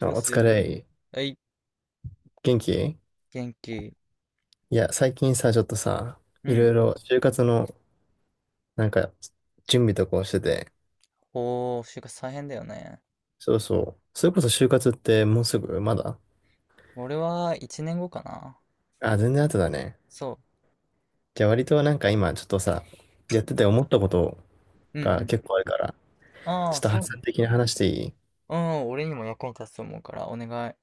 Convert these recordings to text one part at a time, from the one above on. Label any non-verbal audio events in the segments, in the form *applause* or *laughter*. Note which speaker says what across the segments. Speaker 1: あ、
Speaker 2: う
Speaker 1: お
Speaker 2: す
Speaker 1: 疲
Speaker 2: い。
Speaker 1: れ。
Speaker 2: はい、
Speaker 1: 元気？
Speaker 2: 元気。
Speaker 1: いや、最近さ、ちょっとさ、
Speaker 2: う
Speaker 1: いろい
Speaker 2: ん。
Speaker 1: ろ就活の、なんか、準備とかをしてて、
Speaker 2: おー、就活大変だよね。
Speaker 1: そうそう。それこそ就活ってもうすぐまだ。
Speaker 2: 俺は1年後かな。
Speaker 1: あ、全然後だね。
Speaker 2: そ
Speaker 1: じゃあ割となんか今、ちょっとさ、やってて思ったこと
Speaker 2: う。うんう
Speaker 1: が
Speaker 2: ん。
Speaker 1: 結構あるから、
Speaker 2: あ
Speaker 1: ちょっ
Speaker 2: あ、
Speaker 1: と
Speaker 2: そ
Speaker 1: 発
Speaker 2: うな
Speaker 1: 散
Speaker 2: んだ。
Speaker 1: 的に話していい？
Speaker 2: うん、俺にも役に立つと思うから、お願い。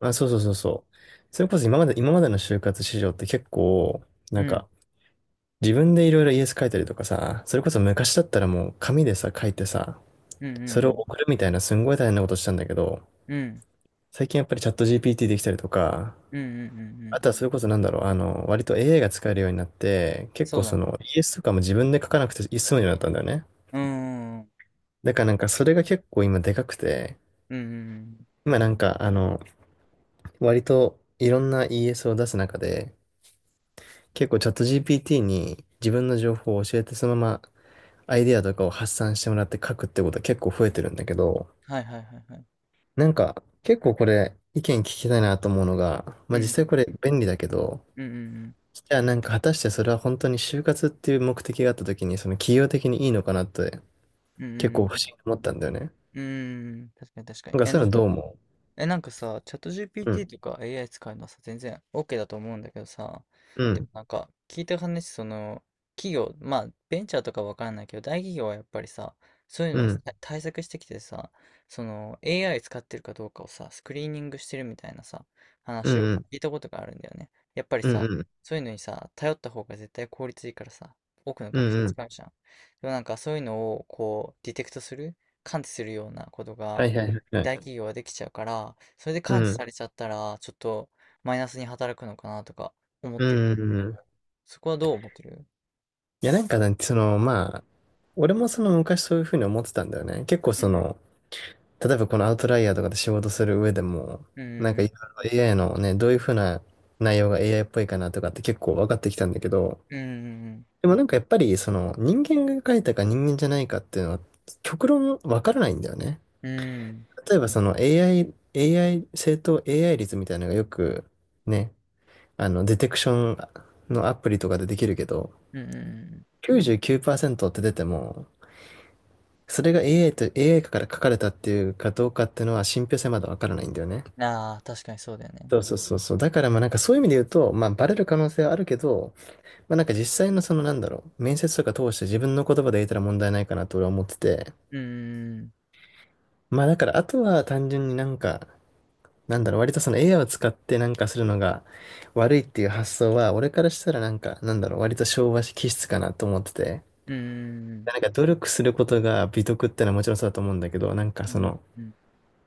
Speaker 1: まあ、そうそうそうそう。それこそ今までの就活市場って結構、
Speaker 2: う
Speaker 1: なん
Speaker 2: ん。
Speaker 1: か、自分でいろいろイエス書いたりとかさ、それこそ昔だったらもう紙でさ、書いてさ、
Speaker 2: うん
Speaker 1: それ
Speaker 2: う
Speaker 1: を
Speaker 2: ん
Speaker 1: 送るみたいなすんごい大変なことしたんだけど、
Speaker 2: うん。うん。
Speaker 1: 最近やっぱりチャット GPT できたりとか、
Speaker 2: うんうんうんう
Speaker 1: あ
Speaker 2: ん。
Speaker 1: とはそれこそなんだろう、割と AI が使えるようになって、結
Speaker 2: そ
Speaker 1: 構
Speaker 2: うだ
Speaker 1: そ
Speaker 2: な。
Speaker 1: の ES とかも自分で書かなくて済むようになったんだよね。
Speaker 2: うん。うん
Speaker 1: だからなんかそれが結構今でかくて、
Speaker 2: うんうん。
Speaker 1: 今なんか割といろんな ES を出す中で、結構チャット GPT に自分の情報を教えてそのままアイデアとかを発散してもらって書くってことは結構増えてるんだけど、
Speaker 2: はいはいはいはい。
Speaker 1: なんか、結構これ、意見聞きたいなと思うのが、ま
Speaker 2: うん
Speaker 1: あ実
Speaker 2: う
Speaker 1: 際
Speaker 2: ん
Speaker 1: これ便利だけど、
Speaker 2: うんうんうん。
Speaker 1: じゃあなんか果たしてそれは本当に就活っていう目的があった時に、その企業的にいいのかなって
Speaker 2: うん
Speaker 1: 結
Speaker 2: うん
Speaker 1: 構不思議に思ったんだよね。
Speaker 2: うん。うん。確かに確か
Speaker 1: な
Speaker 2: に。
Speaker 1: んか
Speaker 2: え、
Speaker 1: そうい
Speaker 2: な
Speaker 1: う
Speaker 2: ん
Speaker 1: の
Speaker 2: か
Speaker 1: どう思
Speaker 2: え、なんかさ、チャット
Speaker 1: う？うん、
Speaker 2: GPT とか AI 使うのはさ、全然 OK だと思うんだけどさ、
Speaker 1: う
Speaker 2: でも
Speaker 1: ん、
Speaker 2: なんか聞いた話、その、企業、まあ、ベンチャーとかわからないけど、大企業はやっぱりさ、そういう
Speaker 1: う
Speaker 2: のをさ
Speaker 1: ん、
Speaker 2: 対策してきてさ、その AI 使ってるかどうかをさ、スクリーニングしてるみたいなさ、
Speaker 1: う
Speaker 2: 話を
Speaker 1: ん、うん、
Speaker 2: 聞いたことがあるんだよね。やっぱり
Speaker 1: うん、
Speaker 2: さ、
Speaker 1: うん、
Speaker 2: そういうのにさ、頼った方が絶対効率いいからさ、多くの
Speaker 1: うん、
Speaker 2: 学生
Speaker 1: うん。
Speaker 2: 使うじゃん。でもなんかそういうのをこう、ディテクトする、感知するようなこと
Speaker 1: は
Speaker 2: が、
Speaker 1: いはいはいはい。
Speaker 2: 大企業ができちゃうから、それで
Speaker 1: う
Speaker 2: 感知
Speaker 1: ん、
Speaker 2: されちゃったら、ちょっとマイナスに働くのかなとか思っ
Speaker 1: う
Speaker 2: てるん
Speaker 1: ん、
Speaker 2: だ
Speaker 1: う
Speaker 2: け
Speaker 1: ん。
Speaker 2: ど、
Speaker 1: うん。
Speaker 2: そこはどう思ってる？
Speaker 1: いやなんかなんてその、まあ、俺もその昔そういうふうに思ってたんだよね。結構
Speaker 2: う
Speaker 1: そ
Speaker 2: ん、
Speaker 1: の、例えばこのアウトライヤーとかで仕事する上でも、
Speaker 2: う
Speaker 1: なんか
Speaker 2: ん、
Speaker 1: いろいろ AI のね、どういうふうな内容が AI っぽいかなとかって結構分かってきたんだけど、
Speaker 2: うん、うん、
Speaker 1: でもなんかやっぱりその人間が書いたか人間じゃないかっていうのは極論分からないんだよね。
Speaker 2: うん、
Speaker 1: 例えばその AI、AI、正当 AI 率みたいなのがよくね、デテクションのアプリとかでできるけど、
Speaker 2: うん、う
Speaker 1: 99%って出ても、それが AI と AI から書かれたっていうかどうかっていうのは信憑性まだ分からないんだよね。
Speaker 2: ん。ああ、確かにそうだよね。
Speaker 1: そうそうそうそう。だからまあなんかそういう意味で言うと、まあバレる可能性はあるけど、まあなんか実際のそのなんだろう、面接とか通して自分の言葉で言えたら問題ないかなと俺は思ってて、
Speaker 2: うん、
Speaker 1: まあだからあとは単純になんか、なんだろう、割とその AI を使ってなんかするのが悪いっていう発想は、俺からしたらなんか、なんだろう、割と昭和気質かなと思ってて、
Speaker 2: うん、うん、
Speaker 1: なんか努力することが美徳ってのはもちろんそうだと思うんだけど、なんか
Speaker 2: う
Speaker 1: そ
Speaker 2: ん、
Speaker 1: の、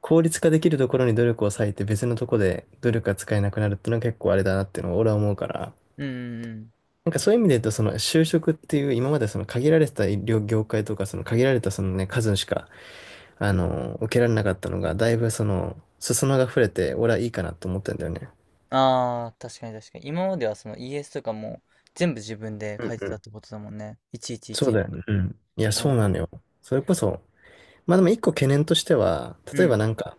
Speaker 1: 効率化できるところに努力を割いて別のところで努力が使えなくなるっていうのは結構あれだなっていうのを俺は思うから、
Speaker 2: うん。
Speaker 1: なんかそういう意味で言うと、その就職っていう、今までその限られてた医療業界とか、その限られたそのね、数しか、受けられなかったのが、だいぶその、裾野が触れて、俺はいいかなと思ったんだよね。
Speaker 2: ああー、確かに確かに。今まではその ES とかも全部自分で
Speaker 1: う
Speaker 2: 書
Speaker 1: ん
Speaker 2: いて
Speaker 1: う
Speaker 2: たっ
Speaker 1: ん。
Speaker 2: てことだもんね。
Speaker 1: そう
Speaker 2: 111。
Speaker 1: だよね。うん。いや、
Speaker 2: う
Speaker 1: そ
Speaker 2: ん、
Speaker 1: うなのよ。それこそ、まあでも一個懸念としては、
Speaker 2: う
Speaker 1: 例えば
Speaker 2: ん、
Speaker 1: なんか、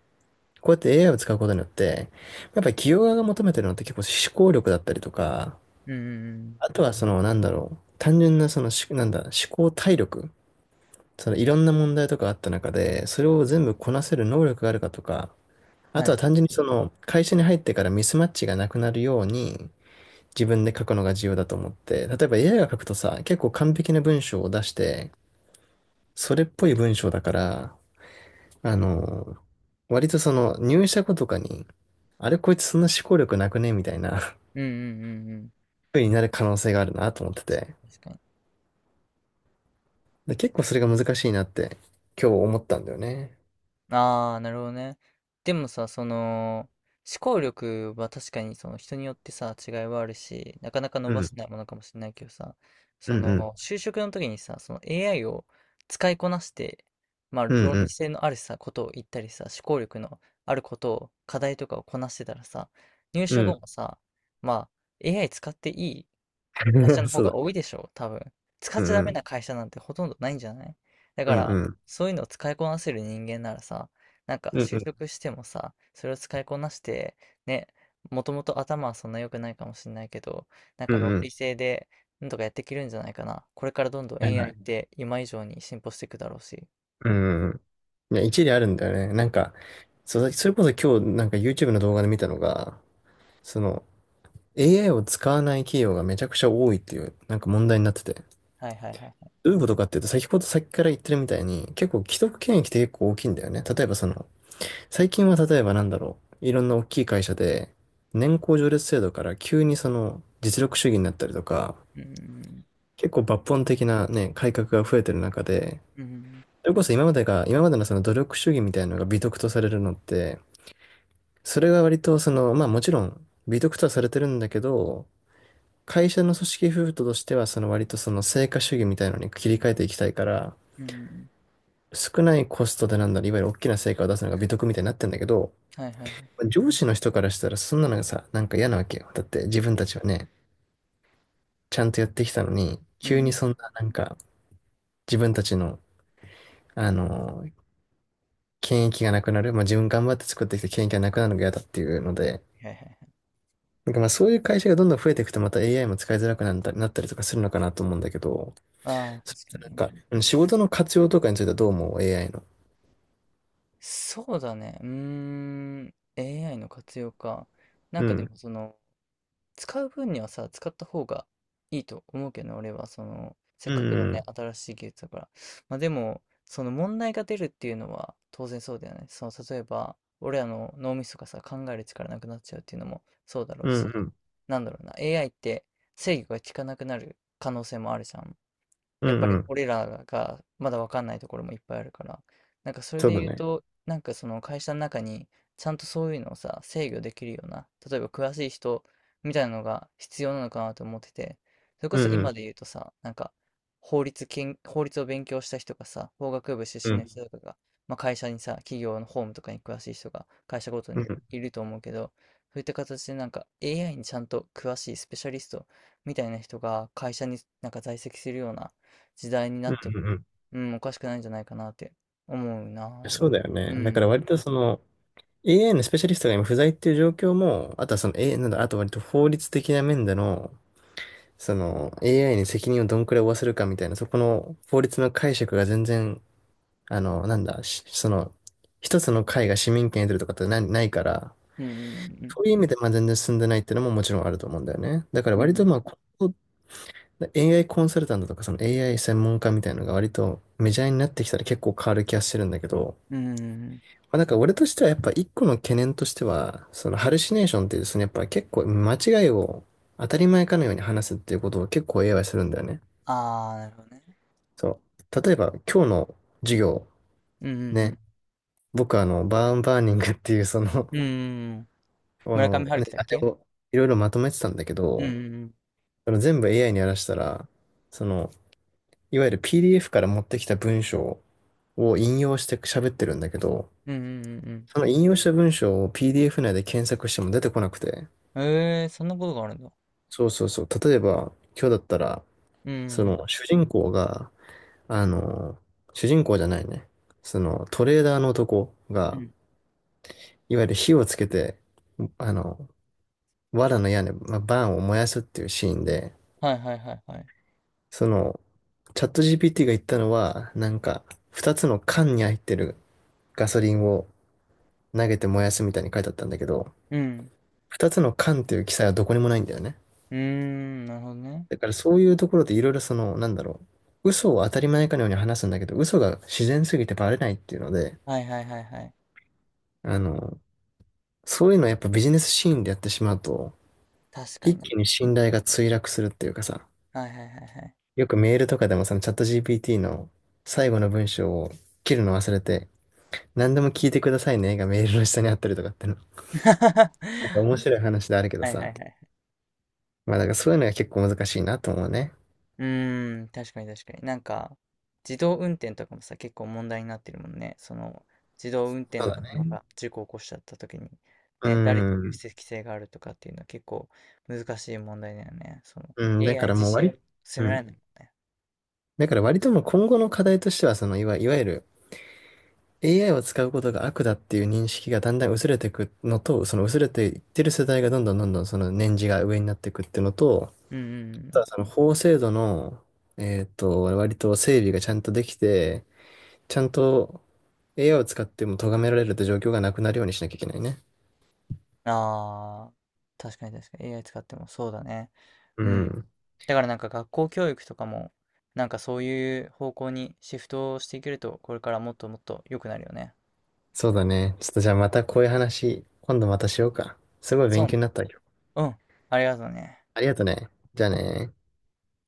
Speaker 1: こうやって AI を使うことによって、やっぱり企業側が求めてるのって結構思考力だったりとか、
Speaker 2: うん、うん。
Speaker 1: あとはその、なんだろう、単純なそのし、なんだ、思考体力。そのいろんな問題とかあった中で、それを全部こなせる能力があるかとか、あ
Speaker 2: は
Speaker 1: とは
Speaker 2: い。
Speaker 1: 単純にその会社に入ってからミスマッチがなくなるように自分で書くのが重要だと思って、例えば AI が書くとさ、結構完璧な文章を出して、それっぽい文章だから、あの、割とその入社後とかに、あれこいつそんな思考力なくねみたいな *laughs*
Speaker 2: うん、うん、うん、うん。
Speaker 1: 風になる可能性があるなと思ってて、
Speaker 2: 確かに。
Speaker 1: で、結構それが難しいなって今日思ったんだよね。
Speaker 2: ああ、なるほどね。でもさ、その、思考力は確かにその人によってさ、違いはあるし、なかなか伸
Speaker 1: う
Speaker 2: ば
Speaker 1: ん、
Speaker 2: せないものかもしれないけどさ、
Speaker 1: う
Speaker 2: そ
Speaker 1: ん、うん、
Speaker 2: の、就職の時にさ、その AI を使いこなして、まあ、
Speaker 1: う
Speaker 2: 論理
Speaker 1: ん、
Speaker 2: 性のあるさ、ことを言ったりさ、思考力のあることを、課題とかをこなしてたらさ、入
Speaker 1: う
Speaker 2: 社後
Speaker 1: ん、
Speaker 2: もさ、まあ、AI 使っていい会
Speaker 1: う
Speaker 2: 社
Speaker 1: ん。*laughs*
Speaker 2: の方
Speaker 1: そうだ
Speaker 2: が多
Speaker 1: ね。
Speaker 2: いでしょう、多分。使っ
Speaker 1: う
Speaker 2: ちゃダ
Speaker 1: んう
Speaker 2: メ
Speaker 1: ん。
Speaker 2: な会社なんてほとんどないんじゃない？だか
Speaker 1: うん
Speaker 2: ら、
Speaker 1: うん。
Speaker 2: そういうのを使いこなせる人間ならさ、なんか
Speaker 1: うん
Speaker 2: 就
Speaker 1: うん。
Speaker 2: 職してもさ、それを使いこなして、ね、もともと頭はそんな良くないかもしれないけど、なん
Speaker 1: う
Speaker 2: か
Speaker 1: ん
Speaker 2: 論
Speaker 1: う
Speaker 2: 理
Speaker 1: ん。
Speaker 2: 性で、なんとかやっていけるんじゃないかな。これからどんどん
Speaker 1: やらな
Speaker 2: AI っ
Speaker 1: い。
Speaker 2: て今以上に進歩していくだろうし。
Speaker 1: うんうん。いや、一理あるんだよね。なんか、それこそ今日なんか YouTube の動画で見たのが、その AI を使わない企業がめちゃくちゃ多いっていうなんか問題になってて。
Speaker 2: はいはいはいはい。
Speaker 1: どういうことかっていうと、先ほど先から言ってるみたいに、結構既得権益って結構大きいんだよね。例えばその、最近は例えばなんだろう、いろんな大きい会社で、年功序列制度から急にその実力主義になったりとか、
Speaker 2: うん
Speaker 1: 結構抜本的なね、改革が増えてる中で、
Speaker 2: うん
Speaker 1: それこそ今までのその努力主義みたいなのが美徳とされるのって、それが割とその、まあもちろん美徳とはされてるんだけど、会社の組織風土としてはその割とその成果主義みたいのに切り替えていきたいから、
Speaker 2: うんうんうん。
Speaker 1: 少ないコストでなんだろう、いわゆる大きな成果を出すのが美徳みたいになってんだけど、
Speaker 2: はいはいはい。
Speaker 1: 上司の人からしたらそんなのがさ、なんか嫌なわけよ。だって自分たちはね、ちゃんとやってきたのに、
Speaker 2: う
Speaker 1: 急に
Speaker 2: ん。
Speaker 1: そんななんか自分たちの、あの、権益がなくなる、まあ自分頑張って作ってきた権益がなくなるのが嫌だっていうので、
Speaker 2: はいはいはい。
Speaker 1: なんかまあそういう会社がどんどん増えていくとまた AI も使いづらくなったりとかするのかなと思うんだけど、
Speaker 2: ああ、
Speaker 1: それ
Speaker 2: 確
Speaker 1: っ
Speaker 2: か
Speaker 1: て
Speaker 2: に。う
Speaker 1: なんか、
Speaker 2: ん
Speaker 1: 仕事の活用とかについてはどう思う？ AI の。
Speaker 2: そうだね。うーん。AI の活用か。なん
Speaker 1: う
Speaker 2: かで
Speaker 1: ん。
Speaker 2: もその、使う分にはさ、使った方がいいと思うけどね、俺は。その、せっ
Speaker 1: う
Speaker 2: かく
Speaker 1: ん
Speaker 2: の
Speaker 1: う
Speaker 2: ね、
Speaker 1: ん。
Speaker 2: 新しい技術だから。まあでも、その問題が出るっていうのは当然そうだよね。その、例えば、俺らの脳みそがさ、考える力なくなっちゃうっていうのもそうだろう
Speaker 1: うん
Speaker 2: し。
Speaker 1: うん。
Speaker 2: なんだろうな。AI って制御が効かなくなる可能性もあるじゃん。
Speaker 1: う
Speaker 2: やっぱ
Speaker 1: んう
Speaker 2: り
Speaker 1: ん。
Speaker 2: 俺らがまだわかんないところもいっぱいあるから、なんかそれ
Speaker 1: そう
Speaker 2: で
Speaker 1: だ
Speaker 2: 言う
Speaker 1: ね。
Speaker 2: と、なんかその会社の中にちゃんとそういうのをさ、制御できるような、例えば詳しい人みたいなのが必要なのかなと思ってて、それこ
Speaker 1: う
Speaker 2: そ
Speaker 1: んう
Speaker 2: 今
Speaker 1: ん。
Speaker 2: で言うとさ、なんか法律を勉強した人がさ、法学部
Speaker 1: う
Speaker 2: 出身の
Speaker 1: ん
Speaker 2: 人とかが、まあ、会社にさ、企業の法務とかに詳しい人が会社ごと
Speaker 1: う
Speaker 2: に
Speaker 1: ん。
Speaker 2: いると思うけど、そういった形でなんか AI にちゃんと詳しいスペシャリストみたいな人が会社になんか在籍するような時代にな
Speaker 1: う
Speaker 2: っ
Speaker 1: ん
Speaker 2: て
Speaker 1: うん
Speaker 2: も、
Speaker 1: うん。
Speaker 2: うん、おかしくないんじゃないかなって思うな、俺は。
Speaker 1: そうだよ
Speaker 2: う
Speaker 1: ね。だから
Speaker 2: ん。
Speaker 1: 割とその AI のスペシャリストが今不在っていう状況も、あとはその a なんだ、あと割と法律的な面での、その AI に責任をどんくらい負わせるかみたいな、そこの法律の解釈が全然あの、なんだ、しその、一つの会が市民権得てるとかってないから、
Speaker 2: うんうんうんうん。
Speaker 1: そういう意味でまあ全然進んでないっていうのももちろんあると思うんだよね。だから
Speaker 2: う
Speaker 1: 割と
Speaker 2: ん。
Speaker 1: まあ、ここ AI コンサルタントとかその AI 専門家みたいなのが割とメジャーになってきたら結構変わる気がしてるんだけど、
Speaker 2: うんうんうんうん。
Speaker 1: まあ、なんか俺としてはやっぱ一個の懸念としては、そのハルシネーションっていうですね、やっぱ結構間違いを当たり前かのように話すっていうことを結構 AI はするんだよね。
Speaker 2: ああ、なるほどね。
Speaker 1: そう。例えば今日の授業、
Speaker 2: うんう
Speaker 1: ね、
Speaker 2: ん
Speaker 1: 僕はバーンバーニングっていうその
Speaker 2: うん。うんうんうん。村上春
Speaker 1: ね
Speaker 2: 樹だっ
Speaker 1: あれ
Speaker 2: け？
Speaker 1: をいろいろまとめてたんだけ
Speaker 2: うんう
Speaker 1: ど、
Speaker 2: んうん。
Speaker 1: その全部 AI にやらしたら、その、いわゆる PDF から持ってきた文章を引用して喋ってるんだけど、
Speaker 2: うんうんうん
Speaker 1: その引用した文章を PDF 内で検索しても出てこなくて、
Speaker 2: うん。ええそんなことがあるんだ。
Speaker 1: そうそうそう、例えば今日だったら、
Speaker 2: うんう
Speaker 1: そ
Speaker 2: ん
Speaker 1: の
Speaker 2: う
Speaker 1: 主人公が、あの、主人公じゃないね、そのトレーダーの男
Speaker 2: ん。う
Speaker 1: が、
Speaker 2: ん。
Speaker 1: いわゆる火をつけて、あの、藁の屋根、まあ、バーンを燃やすっていうシーンで、
Speaker 2: はいはいはいはい。
Speaker 1: その、チャット GPT が言ったのは、なんか、二つの缶に入ってるガソリンを投げて燃やすみたいに書いてあったんだけど、
Speaker 2: うん。
Speaker 1: 二つの缶っていう記載はどこにもないんだよね。
Speaker 2: うーん、なるほどね。
Speaker 1: だからそういうところでいろいろその、なんだろう、嘘を当たり前かのように話すんだけど、嘘が自然すぎてバレないっていうので、
Speaker 2: はいはいはいはい。
Speaker 1: あの、そういうのをやっぱビジネスシーンでやってしまうと、
Speaker 2: 確か
Speaker 1: 一
Speaker 2: に
Speaker 1: 気に
Speaker 2: ね。
Speaker 1: 信頼が墜落するっていうかさ、
Speaker 2: はいはいはいはい。
Speaker 1: よくメールとかでもそのチャット GPT の最後の文章を切るの忘れて、何でも聞いてくださいねがメールの下にあったりとかっての。なんか
Speaker 2: *laughs*
Speaker 1: 面白い話であるけど
Speaker 2: はいはい
Speaker 1: さ。
Speaker 2: はい。
Speaker 1: まあだからそういうのが結構難しいなと思うね。
Speaker 2: うーん、確かに確かに。なんか、自動運転とかもさ、結構問題になってるもんね。その、自動運転
Speaker 1: そう
Speaker 2: の
Speaker 1: だ
Speaker 2: 車
Speaker 1: ね。
Speaker 2: が事故を起こしちゃった時に、
Speaker 1: う
Speaker 2: ね、誰に有
Speaker 1: ん。
Speaker 2: 責性があるとかっていうのは結構難しい問題だよね。その、
Speaker 1: うん。だか
Speaker 2: AI
Speaker 1: ら
Speaker 2: 自
Speaker 1: もう
Speaker 2: 身を責
Speaker 1: う
Speaker 2: められ
Speaker 1: ん。
Speaker 2: ないもんね。
Speaker 1: だから割ともう今後の課題としては、そのいわゆる AI を使うことが悪だっていう認識がだんだん薄れていくのと、その薄れていってる世代がどんどんどんどんその年次が上になっていくっていうのと、
Speaker 2: うんうん
Speaker 1: あ
Speaker 2: う
Speaker 1: と
Speaker 2: ん。
Speaker 1: はその法制度の、割と整備がちゃんとできて、ちゃんと AI を使っても咎められるって状況がなくなるようにしなきゃいけないね。
Speaker 2: ああ、確かに確かに。AI 使ってもそうだね。
Speaker 1: う
Speaker 2: うん。
Speaker 1: ん。
Speaker 2: だからなんか学校教育とかも、なんかそういう方向にシフトしていけると、これからもっともっと良くなるよね。
Speaker 1: そうだね。ちょっとじゃあまたこういう話、今度またしようか。すごい
Speaker 2: そ
Speaker 1: 勉
Speaker 2: うね。
Speaker 1: 強になったよ。
Speaker 2: うん、ありがとうね。
Speaker 1: ありがとね。じゃあね。